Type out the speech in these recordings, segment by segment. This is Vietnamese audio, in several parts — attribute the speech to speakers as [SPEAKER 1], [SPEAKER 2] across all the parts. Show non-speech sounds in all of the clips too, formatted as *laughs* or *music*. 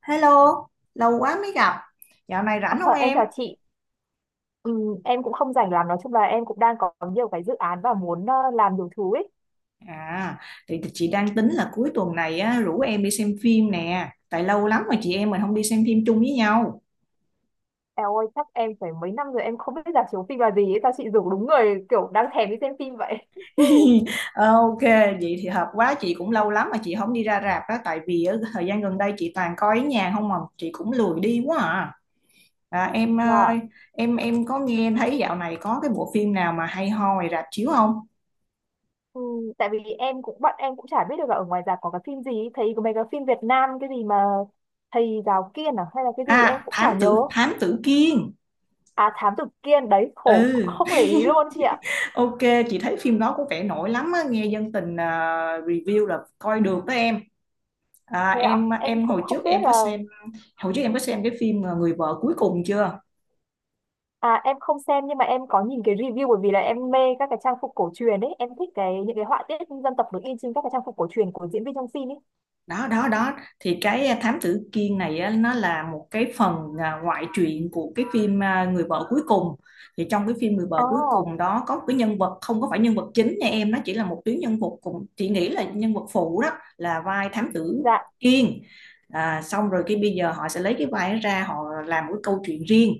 [SPEAKER 1] Hello, lâu quá mới gặp. Dạo này
[SPEAKER 2] Ờ,
[SPEAKER 1] rảnh không
[SPEAKER 2] em
[SPEAKER 1] em?
[SPEAKER 2] chào chị. Em cũng không rảnh lắm, nói chung là em cũng đang có nhiều cái dự án và muốn làm nhiều thứ ấy.
[SPEAKER 1] À, thì chị đang tính là cuối tuần này á, rủ em đi xem phim nè. Tại lâu lắm mà chị em mình không đi xem phim chung với nhau.
[SPEAKER 2] Eo ơi, chắc em phải mấy năm rồi em không biết rạp chiếu phim là gì ấy, sao chị rủ đúng người kiểu đang thèm đi xem phim vậy.
[SPEAKER 1] *laughs* Ok, vậy thì hợp quá. Chị cũng lâu lắm mà chị không đi ra rạp á. Tại vì á, thời gian gần đây chị toàn coi ở nhà không mà chị cũng lười đi quá à. À, em ờ,
[SPEAKER 2] Dạ.
[SPEAKER 1] em em có nghe thấy dạo này có cái bộ phim nào mà hay ho ngoài rạp chiếu không?
[SPEAKER 2] Ừm, Tại vì em cũng bọn em cũng chả biết được là ở ngoài rạp có cái phim gì, ấy. Thấy có mấy cái phim Việt Nam cái gì mà thầy giáo Kiên à hay là cái gì em
[SPEAKER 1] À,
[SPEAKER 2] cũng chả
[SPEAKER 1] Thám
[SPEAKER 2] nhớ.
[SPEAKER 1] tử Thám tử Kiên.
[SPEAKER 2] À, Thám Tử Kiên đấy, khổ
[SPEAKER 1] Ừ.
[SPEAKER 2] không để
[SPEAKER 1] *laughs*
[SPEAKER 2] ý luôn chị ạ.
[SPEAKER 1] Ok, chị thấy phim đó có vẻ nổi lắm á, nghe dân tình review là coi được đó em. À,
[SPEAKER 2] Thế ạ, em cũng không biết là.
[SPEAKER 1] hồi trước em có xem cái phim Người vợ cuối cùng chưa?
[SPEAKER 2] À, em không xem nhưng mà em có nhìn cái review bởi vì là em mê các cái trang phục cổ truyền ấy, em thích cái những cái họa tiết dân tộc được in trên các cái trang phục cổ truyền của diễn viên trong phim ấy.
[SPEAKER 1] Đó, đó, đó, thì cái thám tử Kiên này á, nó là một cái phần ngoại truyện của cái phim Người vợ cuối cùng. Thì trong cái phim Người
[SPEAKER 2] À,
[SPEAKER 1] vợ cuối cùng đó có một cái nhân vật không có phải nhân vật chính nha em, nó chỉ là một tuyến nhân vật, cùng chị nghĩ là nhân vật phụ đó, là vai thám tử
[SPEAKER 2] dạ,
[SPEAKER 1] Kiên. Xong rồi cái bây giờ họ sẽ lấy cái vai đó ra họ làm một cái câu chuyện riêng.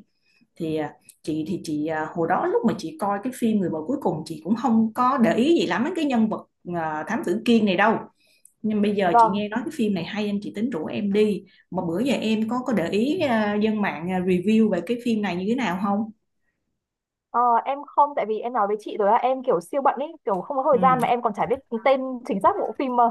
[SPEAKER 1] Thì chị hồi đó lúc mà chị coi cái phim Người vợ cuối cùng chị cũng không có để ý gì lắm đến cái nhân vật thám tử Kiên này đâu. Nhưng bây giờ chị
[SPEAKER 2] vâng.
[SPEAKER 1] nghe nói cái phim này hay anh chị tính rủ em đi. Mà bữa giờ em có để ý dân mạng review về cái phim này như thế nào không?
[SPEAKER 2] Ờ, em không, tại vì em nói với chị rồi là em kiểu siêu bận ấy, kiểu không có thời
[SPEAKER 1] Ừ,
[SPEAKER 2] gian mà em còn chả biết tên chính xác bộ phim mà.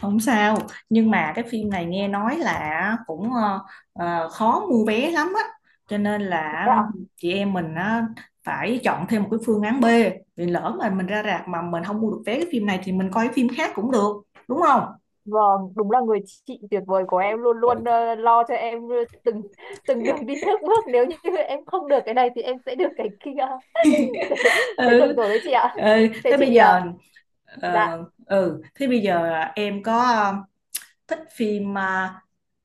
[SPEAKER 1] không sao, nhưng mà cái phim này nghe nói là cũng khó mua vé lắm á, cho nên
[SPEAKER 2] Thế.
[SPEAKER 1] là chị em mình á, phải chọn thêm một cái phương án B. Vì lỡ mà mình ra rạp mà mình không mua được vé cái phim này thì mình coi cái phim khác cũng được, đúng không?
[SPEAKER 2] Vâng, đúng là người chị tuyệt vời của em luôn luôn lo cho em từng từng đường đi nước bước, nếu như em không được cái này thì em sẽ được cái kia. *laughs* Thế, thế được
[SPEAKER 1] ừ,
[SPEAKER 2] rồi đấy chị ạ.
[SPEAKER 1] ừ
[SPEAKER 2] Thế
[SPEAKER 1] thế bây
[SPEAKER 2] chị
[SPEAKER 1] giờ
[SPEAKER 2] dạ.
[SPEAKER 1] ờ, Ừ thế bây giờ em có thích phim.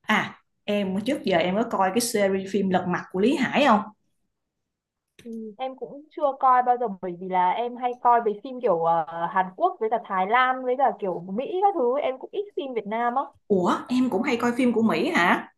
[SPEAKER 1] À, em trước giờ em có coi cái series phim Lật Mặt của Lý Hải không?
[SPEAKER 2] Ừ. Em cũng chưa coi bao giờ bởi vì là em hay coi về phim kiểu Hàn Quốc với cả Thái Lan với cả kiểu Mỹ các thứ, em cũng ít phim Việt Nam á.
[SPEAKER 1] Ủa, em cũng hay coi phim của Mỹ hả?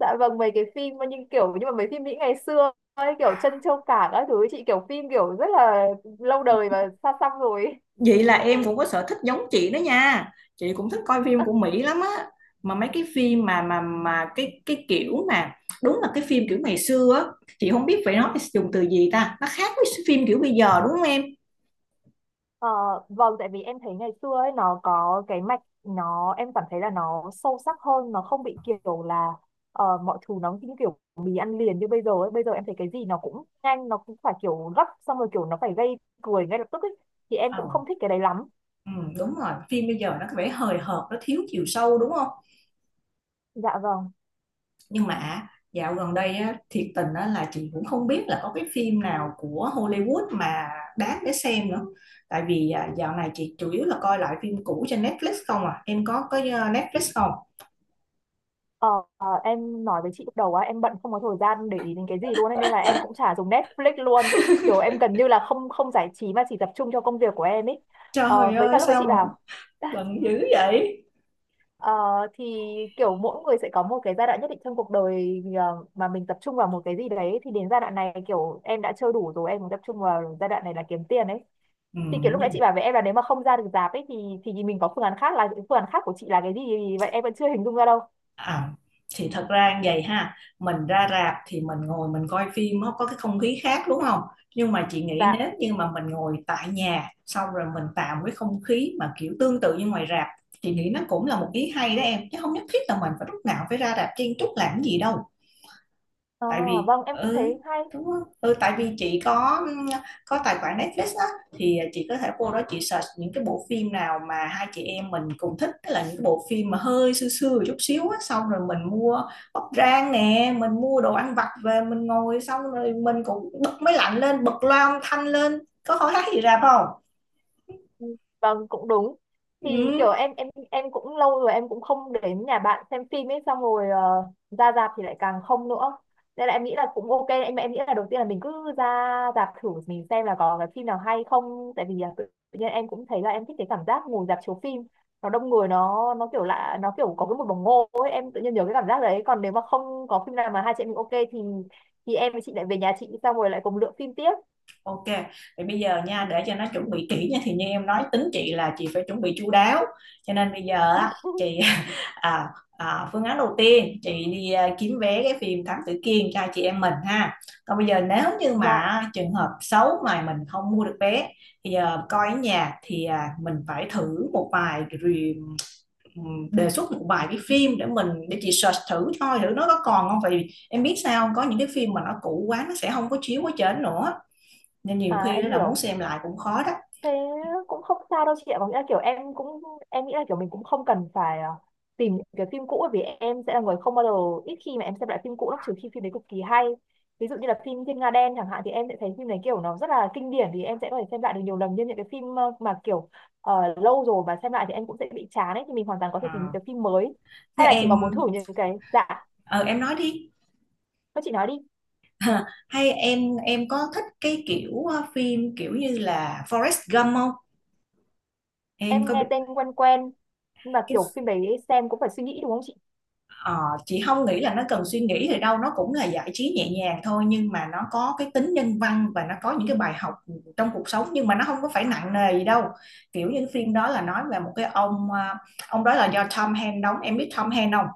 [SPEAKER 2] Dạ vâng, mấy cái phim mà nhưng kiểu nhưng mà mấy phim Mỹ ngày xưa ấy, kiểu Trân Châu Cảng các thứ ấy, chị, kiểu phim kiểu rất là lâu đời và xa xăm rồi.
[SPEAKER 1] Vậy là em cũng có sở thích giống chị đó nha. Chị cũng thích coi phim của Mỹ lắm á. Mà mấy cái phim mà cái kiểu mà đúng là cái phim kiểu ngày xưa á, chị không biết phải nói dùng từ gì ta. Nó khác với phim kiểu bây giờ đúng không em?
[SPEAKER 2] Ờ, vâng, tại vì em thấy ngày xưa ấy nó có cái mạch nó, em cảm thấy là nó sâu sắc hơn, nó không bị kiểu là mọi thứ nó như kiểu mì ăn liền như bây giờ ấy, bây giờ em thấy cái gì nó cũng nhanh, nó cũng phải kiểu gấp xong rồi kiểu nó phải gây cười ngay lập tức ấy, thì em cũng
[SPEAKER 1] Ồ,
[SPEAKER 2] không thích cái đấy lắm.
[SPEAKER 1] ừ, đúng rồi, phim bây giờ nó có vẻ hời hợt, nó thiếu chiều sâu đúng không?
[SPEAKER 2] Dạ vâng.
[SPEAKER 1] Nhưng mà dạo gần đây á, thiệt tình á, là chị cũng không biết là có cái phim nào của Hollywood mà đáng để xem nữa. Tại vì dạo này chị chủ yếu là coi lại phim cũ trên Netflix không. À, em có Netflix không?
[SPEAKER 2] Ờ, em nói với chị lúc đầu á, em bận không có thời gian để ý đến cái gì luôn ấy, nên là em cũng chả dùng Netflix luôn, kiểu em gần như là không không giải trí mà chỉ tập trung cho công việc của em ấy. Ờ,
[SPEAKER 1] Trời
[SPEAKER 2] với cả
[SPEAKER 1] ơi
[SPEAKER 2] lúc với
[SPEAKER 1] sao
[SPEAKER 2] chị
[SPEAKER 1] mà
[SPEAKER 2] bảo.
[SPEAKER 1] bận dữ vậy.
[SPEAKER 2] Ờ, thì kiểu mỗi người sẽ có một cái giai đoạn nhất định trong cuộc đời mà mình tập trung vào một cái gì đấy, thì đến giai đoạn này kiểu em đã chơi đủ rồi, em muốn tập trung vào giai đoạn này là kiếm tiền ấy.
[SPEAKER 1] Ừ.
[SPEAKER 2] Thì kiểu lúc nãy chị bảo với em là nếu mà không ra được rạp ấy thì mình có phương án khác, là phương án khác của chị là cái gì vậy, em vẫn chưa hình dung ra đâu.
[SPEAKER 1] À, thì thật ra như vậy ha, mình ra rạp thì mình ngồi mình coi phim nó có cái không khí khác đúng không. Nhưng mà chị nghĩ
[SPEAKER 2] Dạ.
[SPEAKER 1] nếu như mà mình ngồi tại nhà xong rồi mình tạo cái không khí mà kiểu tương tự như ngoài rạp, chị nghĩ nó cũng là một ý hay đó em, chứ không nhất thiết là mình phải lúc nào phải ra rạp chen chúc làm cái gì đâu.
[SPEAKER 2] Ờ,
[SPEAKER 1] Tại vì
[SPEAKER 2] vâng em cũng
[SPEAKER 1] ừ,
[SPEAKER 2] thấy hay.
[SPEAKER 1] đúng không? Ừ, tại vì chị có tài khoản Netflix á, thì chị có thể vô đó chị search những cái bộ phim nào mà hai chị em mình cùng thích, tức là những cái bộ phim mà hơi xưa xưa một chút xíu á, xong rồi mình mua bắp rang nè, mình mua đồ ăn vặt về mình ngồi, xong rồi mình cũng bật máy lạnh lên, bật loa âm thanh lên. Có hỏi hát gì rạp không.
[SPEAKER 2] Vâng cũng đúng, thì kiểu
[SPEAKER 1] Ừ.
[SPEAKER 2] em cũng lâu rồi em cũng không đến nhà bạn xem phim ấy, xong rồi ra rạp thì lại càng không nữa, nên là em nghĩ là cũng ok. Em nghĩ là đầu tiên là mình cứ ra rạp thử mình xem là có cái phim nào hay không, tại vì là tự tự nhiên em cũng thấy là em thích cái cảm giác ngồi rạp chiếu phim, nó đông người, nó kiểu lạ, nó kiểu có cái một bồng ngô ấy, em tự nhiên nhớ cái cảm giác đấy. Còn nếu mà không có phim nào mà hai chị em mình ok thì em với chị lại về nhà chị xong rồi lại cùng lựa phim tiếp.
[SPEAKER 1] Ok, thì bây giờ nha, để cho nó chuẩn bị kỹ nha, thì như em nói tính chị là chị phải chuẩn bị chu đáo, cho nên bây giờ á
[SPEAKER 2] *laughs*
[SPEAKER 1] chị *laughs* à, phương án đầu tiên chị đi kiếm vé cái phim Thám Tử Kiên cho chị em mình ha. Còn bây giờ nếu như
[SPEAKER 2] Dạ.
[SPEAKER 1] mà trường hợp xấu mà mình không mua được vé thì giờ coi ở nhà thì mình phải thử một vài review, đề xuất một vài cái phim để chị search thử coi thử nó có còn không. Vì em biết sao không? Có những cái phim mà nó cũ quá nó sẽ không có chiếu ở trên nữa nên nhiều
[SPEAKER 2] À
[SPEAKER 1] khi đó
[SPEAKER 2] em
[SPEAKER 1] là muốn
[SPEAKER 2] hiểu,
[SPEAKER 1] xem lại cũng khó đó.
[SPEAKER 2] thế cũng không sao đâu chị ạ, có nghĩa là kiểu em cũng em nghĩ là kiểu mình cũng không cần phải tìm những cái phim cũ, bởi vì em sẽ là người không bao giờ ít khi mà em xem lại phim cũ lắm, trừ khi phim đấy cực kỳ hay. Ví dụ như là phim Thiên Nga Đen chẳng hạn, thì em sẽ thấy phim đấy kiểu nó rất là kinh điển, thì em sẽ có thể xem lại được nhiều lần. Nhưng những cái phim mà kiểu lâu rồi mà xem lại thì em cũng sẽ bị chán ấy, thì mình hoàn toàn có thể tìm những
[SPEAKER 1] Ờ.
[SPEAKER 2] cái phim mới.
[SPEAKER 1] Thế
[SPEAKER 2] Hay là chị
[SPEAKER 1] em
[SPEAKER 2] có muốn thử những cái dạ.
[SPEAKER 1] ờ, em nói đi.
[SPEAKER 2] Thôi chị nói đi.
[SPEAKER 1] Hay em có thích cái kiểu phim kiểu như là Forrest Gump không? Em
[SPEAKER 2] Em
[SPEAKER 1] có
[SPEAKER 2] nghe
[SPEAKER 1] biết?
[SPEAKER 2] tên quen quen, nhưng mà
[SPEAKER 1] cái
[SPEAKER 2] kiểu phim đấy xem cũng phải suy nghĩ đúng không chị?
[SPEAKER 1] ờ, chị không nghĩ là nó cần suy nghĩ thì đâu, nó cũng là giải trí nhẹ nhàng thôi nhưng mà nó có cái tính nhân văn và nó có những cái bài học trong cuộc sống, nhưng mà nó không có phải nặng nề gì đâu. Kiểu như cái phim đó là nói về một cái ông đó là do Tom Hanks đóng. Em biết Tom Hanks không?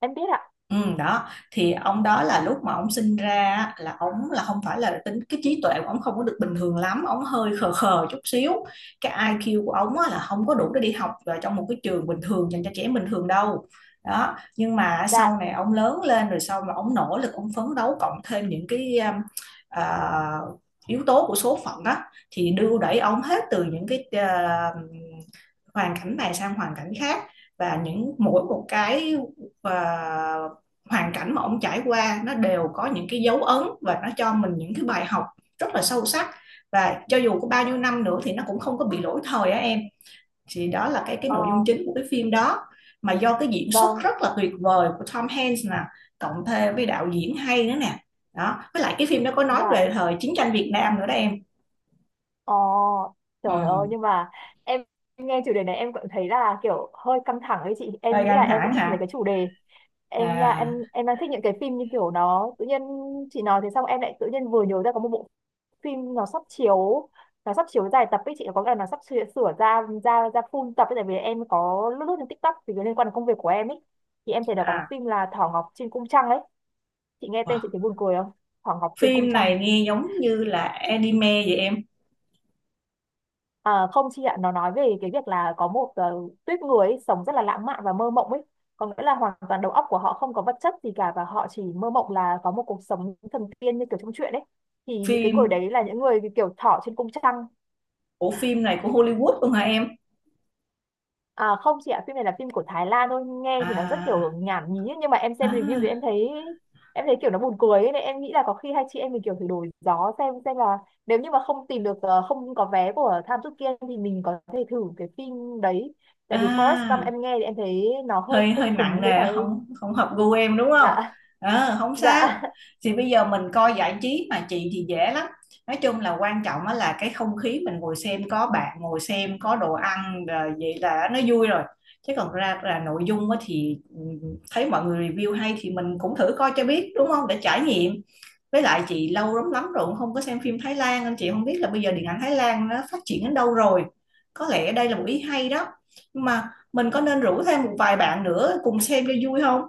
[SPEAKER 2] Em biết ạ.
[SPEAKER 1] Ừ, đó, thì ông đó là lúc mà ông sinh ra á, là ông là không phải là tính cái trí tuệ của ông không có được bình thường lắm, ông hơi khờ khờ chút xíu. Cái IQ của ông á, là không có đủ để đi học vào trong một cái trường bình thường dành cho trẻ bình thường đâu. Đó, nhưng mà sau
[SPEAKER 2] Dạ.
[SPEAKER 1] này ông lớn lên rồi, sau mà ông nỗ lực ông phấn đấu cộng thêm những cái à, yếu tố của số phận á, thì đưa đẩy ông hết từ những cái hoàn cảnh này sang hoàn cảnh khác. Và những mỗi một cái à, hoàn cảnh mà ông trải qua nó đều có những cái dấu ấn và nó cho mình những cái bài học rất là sâu sắc. Và cho dù có bao nhiêu năm nữa thì nó cũng không có bị lỗi thời á em. Thì đó là cái
[SPEAKER 2] Ờ,
[SPEAKER 1] nội dung chính của cái phim đó, mà do cái diễn xuất
[SPEAKER 2] vâng.
[SPEAKER 1] rất là tuyệt vời của Tom Hanks nè, cộng thêm với đạo diễn hay nữa nè, đó với lại cái phim đó có nói
[SPEAKER 2] Dạ,
[SPEAKER 1] về thời chiến tranh Việt Nam nữa đó em.
[SPEAKER 2] ờ, trời ơi
[SPEAKER 1] Ừ.
[SPEAKER 2] nhưng mà em em nghe chủ đề này em cũng thấy là kiểu hơi căng thẳng ấy chị. Em
[SPEAKER 1] Hơi
[SPEAKER 2] nghĩ là
[SPEAKER 1] căng
[SPEAKER 2] em sẽ
[SPEAKER 1] thẳng
[SPEAKER 2] thích mấy
[SPEAKER 1] hả?
[SPEAKER 2] cái chủ đề. Em là
[SPEAKER 1] À,
[SPEAKER 2] em đang thích những cái phim như kiểu nó tự nhiên. Chị nói thế xong em lại tự nhiên vừa nhớ ra có một bộ phim nó sắp chiếu, nó sắp chiếu dài tập ấy chị, có nghĩa là nó sắp sửa, sửa ra ra ra full tập ấy, tại vì em có lướt lướt trên TikTok thì liên quan đến công việc của em ấy, thì em thấy là có cái
[SPEAKER 1] à,
[SPEAKER 2] phim là Thỏ Ngọc trên cung trăng ấy. Chị nghe tên
[SPEAKER 1] wow.
[SPEAKER 2] chị thấy buồn cười không? Thỏ Ngọc trên cung
[SPEAKER 1] Phim
[SPEAKER 2] trăng.
[SPEAKER 1] này nghe giống như là anime vậy em?
[SPEAKER 2] À, không chị ạ, nó nói về cái việc là có một tuýp người ấy, sống rất là lãng mạn và mơ mộng ấy. Có nghĩa là hoàn toàn đầu óc của họ không có vật chất gì cả, và họ chỉ mơ mộng là có một cuộc sống thần tiên như kiểu trong truyện ấy. Thì những cái người
[SPEAKER 1] phim
[SPEAKER 2] đấy là những người kiểu thỏ trên cung trăng.
[SPEAKER 1] của phim này của Hollywood luôn hả em?
[SPEAKER 2] À, không chị ạ, phim này là phim của Thái Lan thôi, nghe thì nó rất
[SPEAKER 1] À,
[SPEAKER 2] kiểu nhảm nhí ấy, nhưng mà em xem review thì
[SPEAKER 1] à,
[SPEAKER 2] em thấy kiểu nó buồn cười ấy, nên em nghĩ là có khi hai chị em mình kiểu thử đổi gió xem là nếu như mà không tìm được không có vé của Tham Chut Kiên thì mình có thể thử cái phim đấy. Tại vì Forrest Gump
[SPEAKER 1] à,
[SPEAKER 2] em nghe thì em thấy nó hơi
[SPEAKER 1] hơi
[SPEAKER 2] hơi
[SPEAKER 1] hơi nặng
[SPEAKER 2] cứng với cả
[SPEAKER 1] nề,
[SPEAKER 2] em.
[SPEAKER 1] không không hợp gu em đúng không?
[SPEAKER 2] Dạ,
[SPEAKER 1] Ờ, không sao.
[SPEAKER 2] dạ.
[SPEAKER 1] Thì bây giờ mình coi giải trí mà chị thì dễ lắm, nói chung là quan trọng á là cái không khí mình ngồi xem có bạn ngồi xem có đồ ăn rồi vậy là nó vui rồi, chứ còn ra là nội dung á thì ừ, thấy mọi người review hay thì mình cũng thử coi cho biết đúng không, để trải nghiệm. Với lại chị lâu lắm lắm rồi cũng không có xem phim Thái Lan nên chị không biết là bây giờ điện ảnh Thái Lan nó phát triển đến đâu rồi, có lẽ đây là một ý hay đó. Nhưng mà mình có nên rủ thêm một vài bạn nữa cùng xem cho vui không?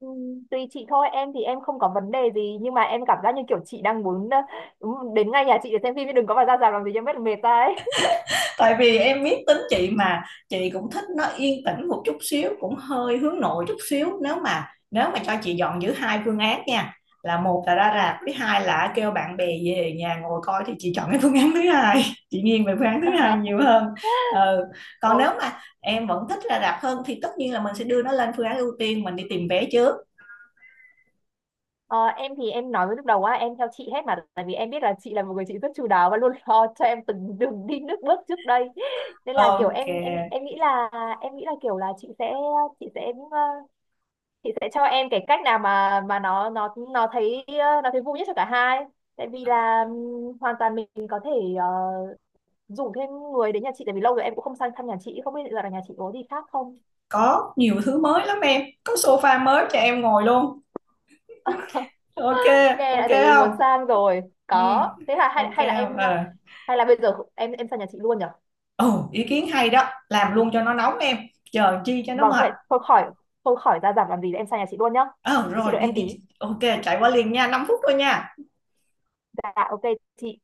[SPEAKER 2] Tùy chị thôi, em thì em không có vấn đề gì nhưng mà em cảm giác như kiểu chị đang muốn đến ngay nhà chị để xem phim chứ đừng có mà ra rạp làm gì cho mất mệt ra ấy.
[SPEAKER 1] Tại vì em biết tính chị mà, chị cũng thích nó yên tĩnh một chút xíu, cũng hơi hướng nội chút xíu. Nếu mà cho chị dọn giữ hai phương án nha, là một là
[SPEAKER 2] *laughs*
[SPEAKER 1] ra
[SPEAKER 2] Dạ.
[SPEAKER 1] rạp với hai là kêu bạn bè về nhà ngồi coi thì chị chọn cái phương án thứ hai. *laughs* Chị nghiêng về phương án thứ hai nhiều
[SPEAKER 2] *laughs*
[SPEAKER 1] hơn. Ừ. Còn nếu
[SPEAKER 2] Ok.
[SPEAKER 1] mà em vẫn thích ra rạp hơn thì tất nhiên là mình sẽ đưa nó lên phương án ưu tiên, mình đi tìm vé trước.
[SPEAKER 2] Ờ, em thì em nói với lúc đầu á, em theo chị hết mà tại vì em biết là chị là một người chị rất chu đáo và luôn *laughs* lo cho em từng đường đi nước bước trước đây, nên là kiểu
[SPEAKER 1] Ok.
[SPEAKER 2] em nghĩ là em nghĩ là kiểu là chị sẽ chị sẽ cho em cái cách nào mà nó thấy nó thấy vui nhất cho cả hai, tại vì là hoàn toàn mình có thể ờ, rủ thêm người đến nhà chị, tại vì lâu rồi em cũng không sang thăm nhà chị, không biết là nhà chị có gì khác không.
[SPEAKER 1] Có nhiều thứ mới lắm, em có sofa mới cho em ngồi luôn. Ok.
[SPEAKER 2] Nghe
[SPEAKER 1] Ok
[SPEAKER 2] đã thấy
[SPEAKER 1] không?
[SPEAKER 2] muốn sang rồi.
[SPEAKER 1] Ừ.
[SPEAKER 2] Có thế là hay,
[SPEAKER 1] Ok kê.
[SPEAKER 2] hay là em
[SPEAKER 1] Ờ.
[SPEAKER 2] hay là bây giờ em sang nhà chị luôn nhở?
[SPEAKER 1] Ồ, ý kiến hay đó, làm luôn cho nó nóng em, chờ chi cho nó
[SPEAKER 2] Vâng
[SPEAKER 1] mệt.
[SPEAKER 2] thôi thôi khỏi ra giảm làm gì, em sang nhà chị luôn nhá.
[SPEAKER 1] Ờ,
[SPEAKER 2] Chị
[SPEAKER 1] rồi
[SPEAKER 2] đợi
[SPEAKER 1] đi
[SPEAKER 2] em
[SPEAKER 1] đi
[SPEAKER 2] tí.
[SPEAKER 1] đi, ô chạy qua liền nha, 5 phút thôi nha.
[SPEAKER 2] Dạ ok chị.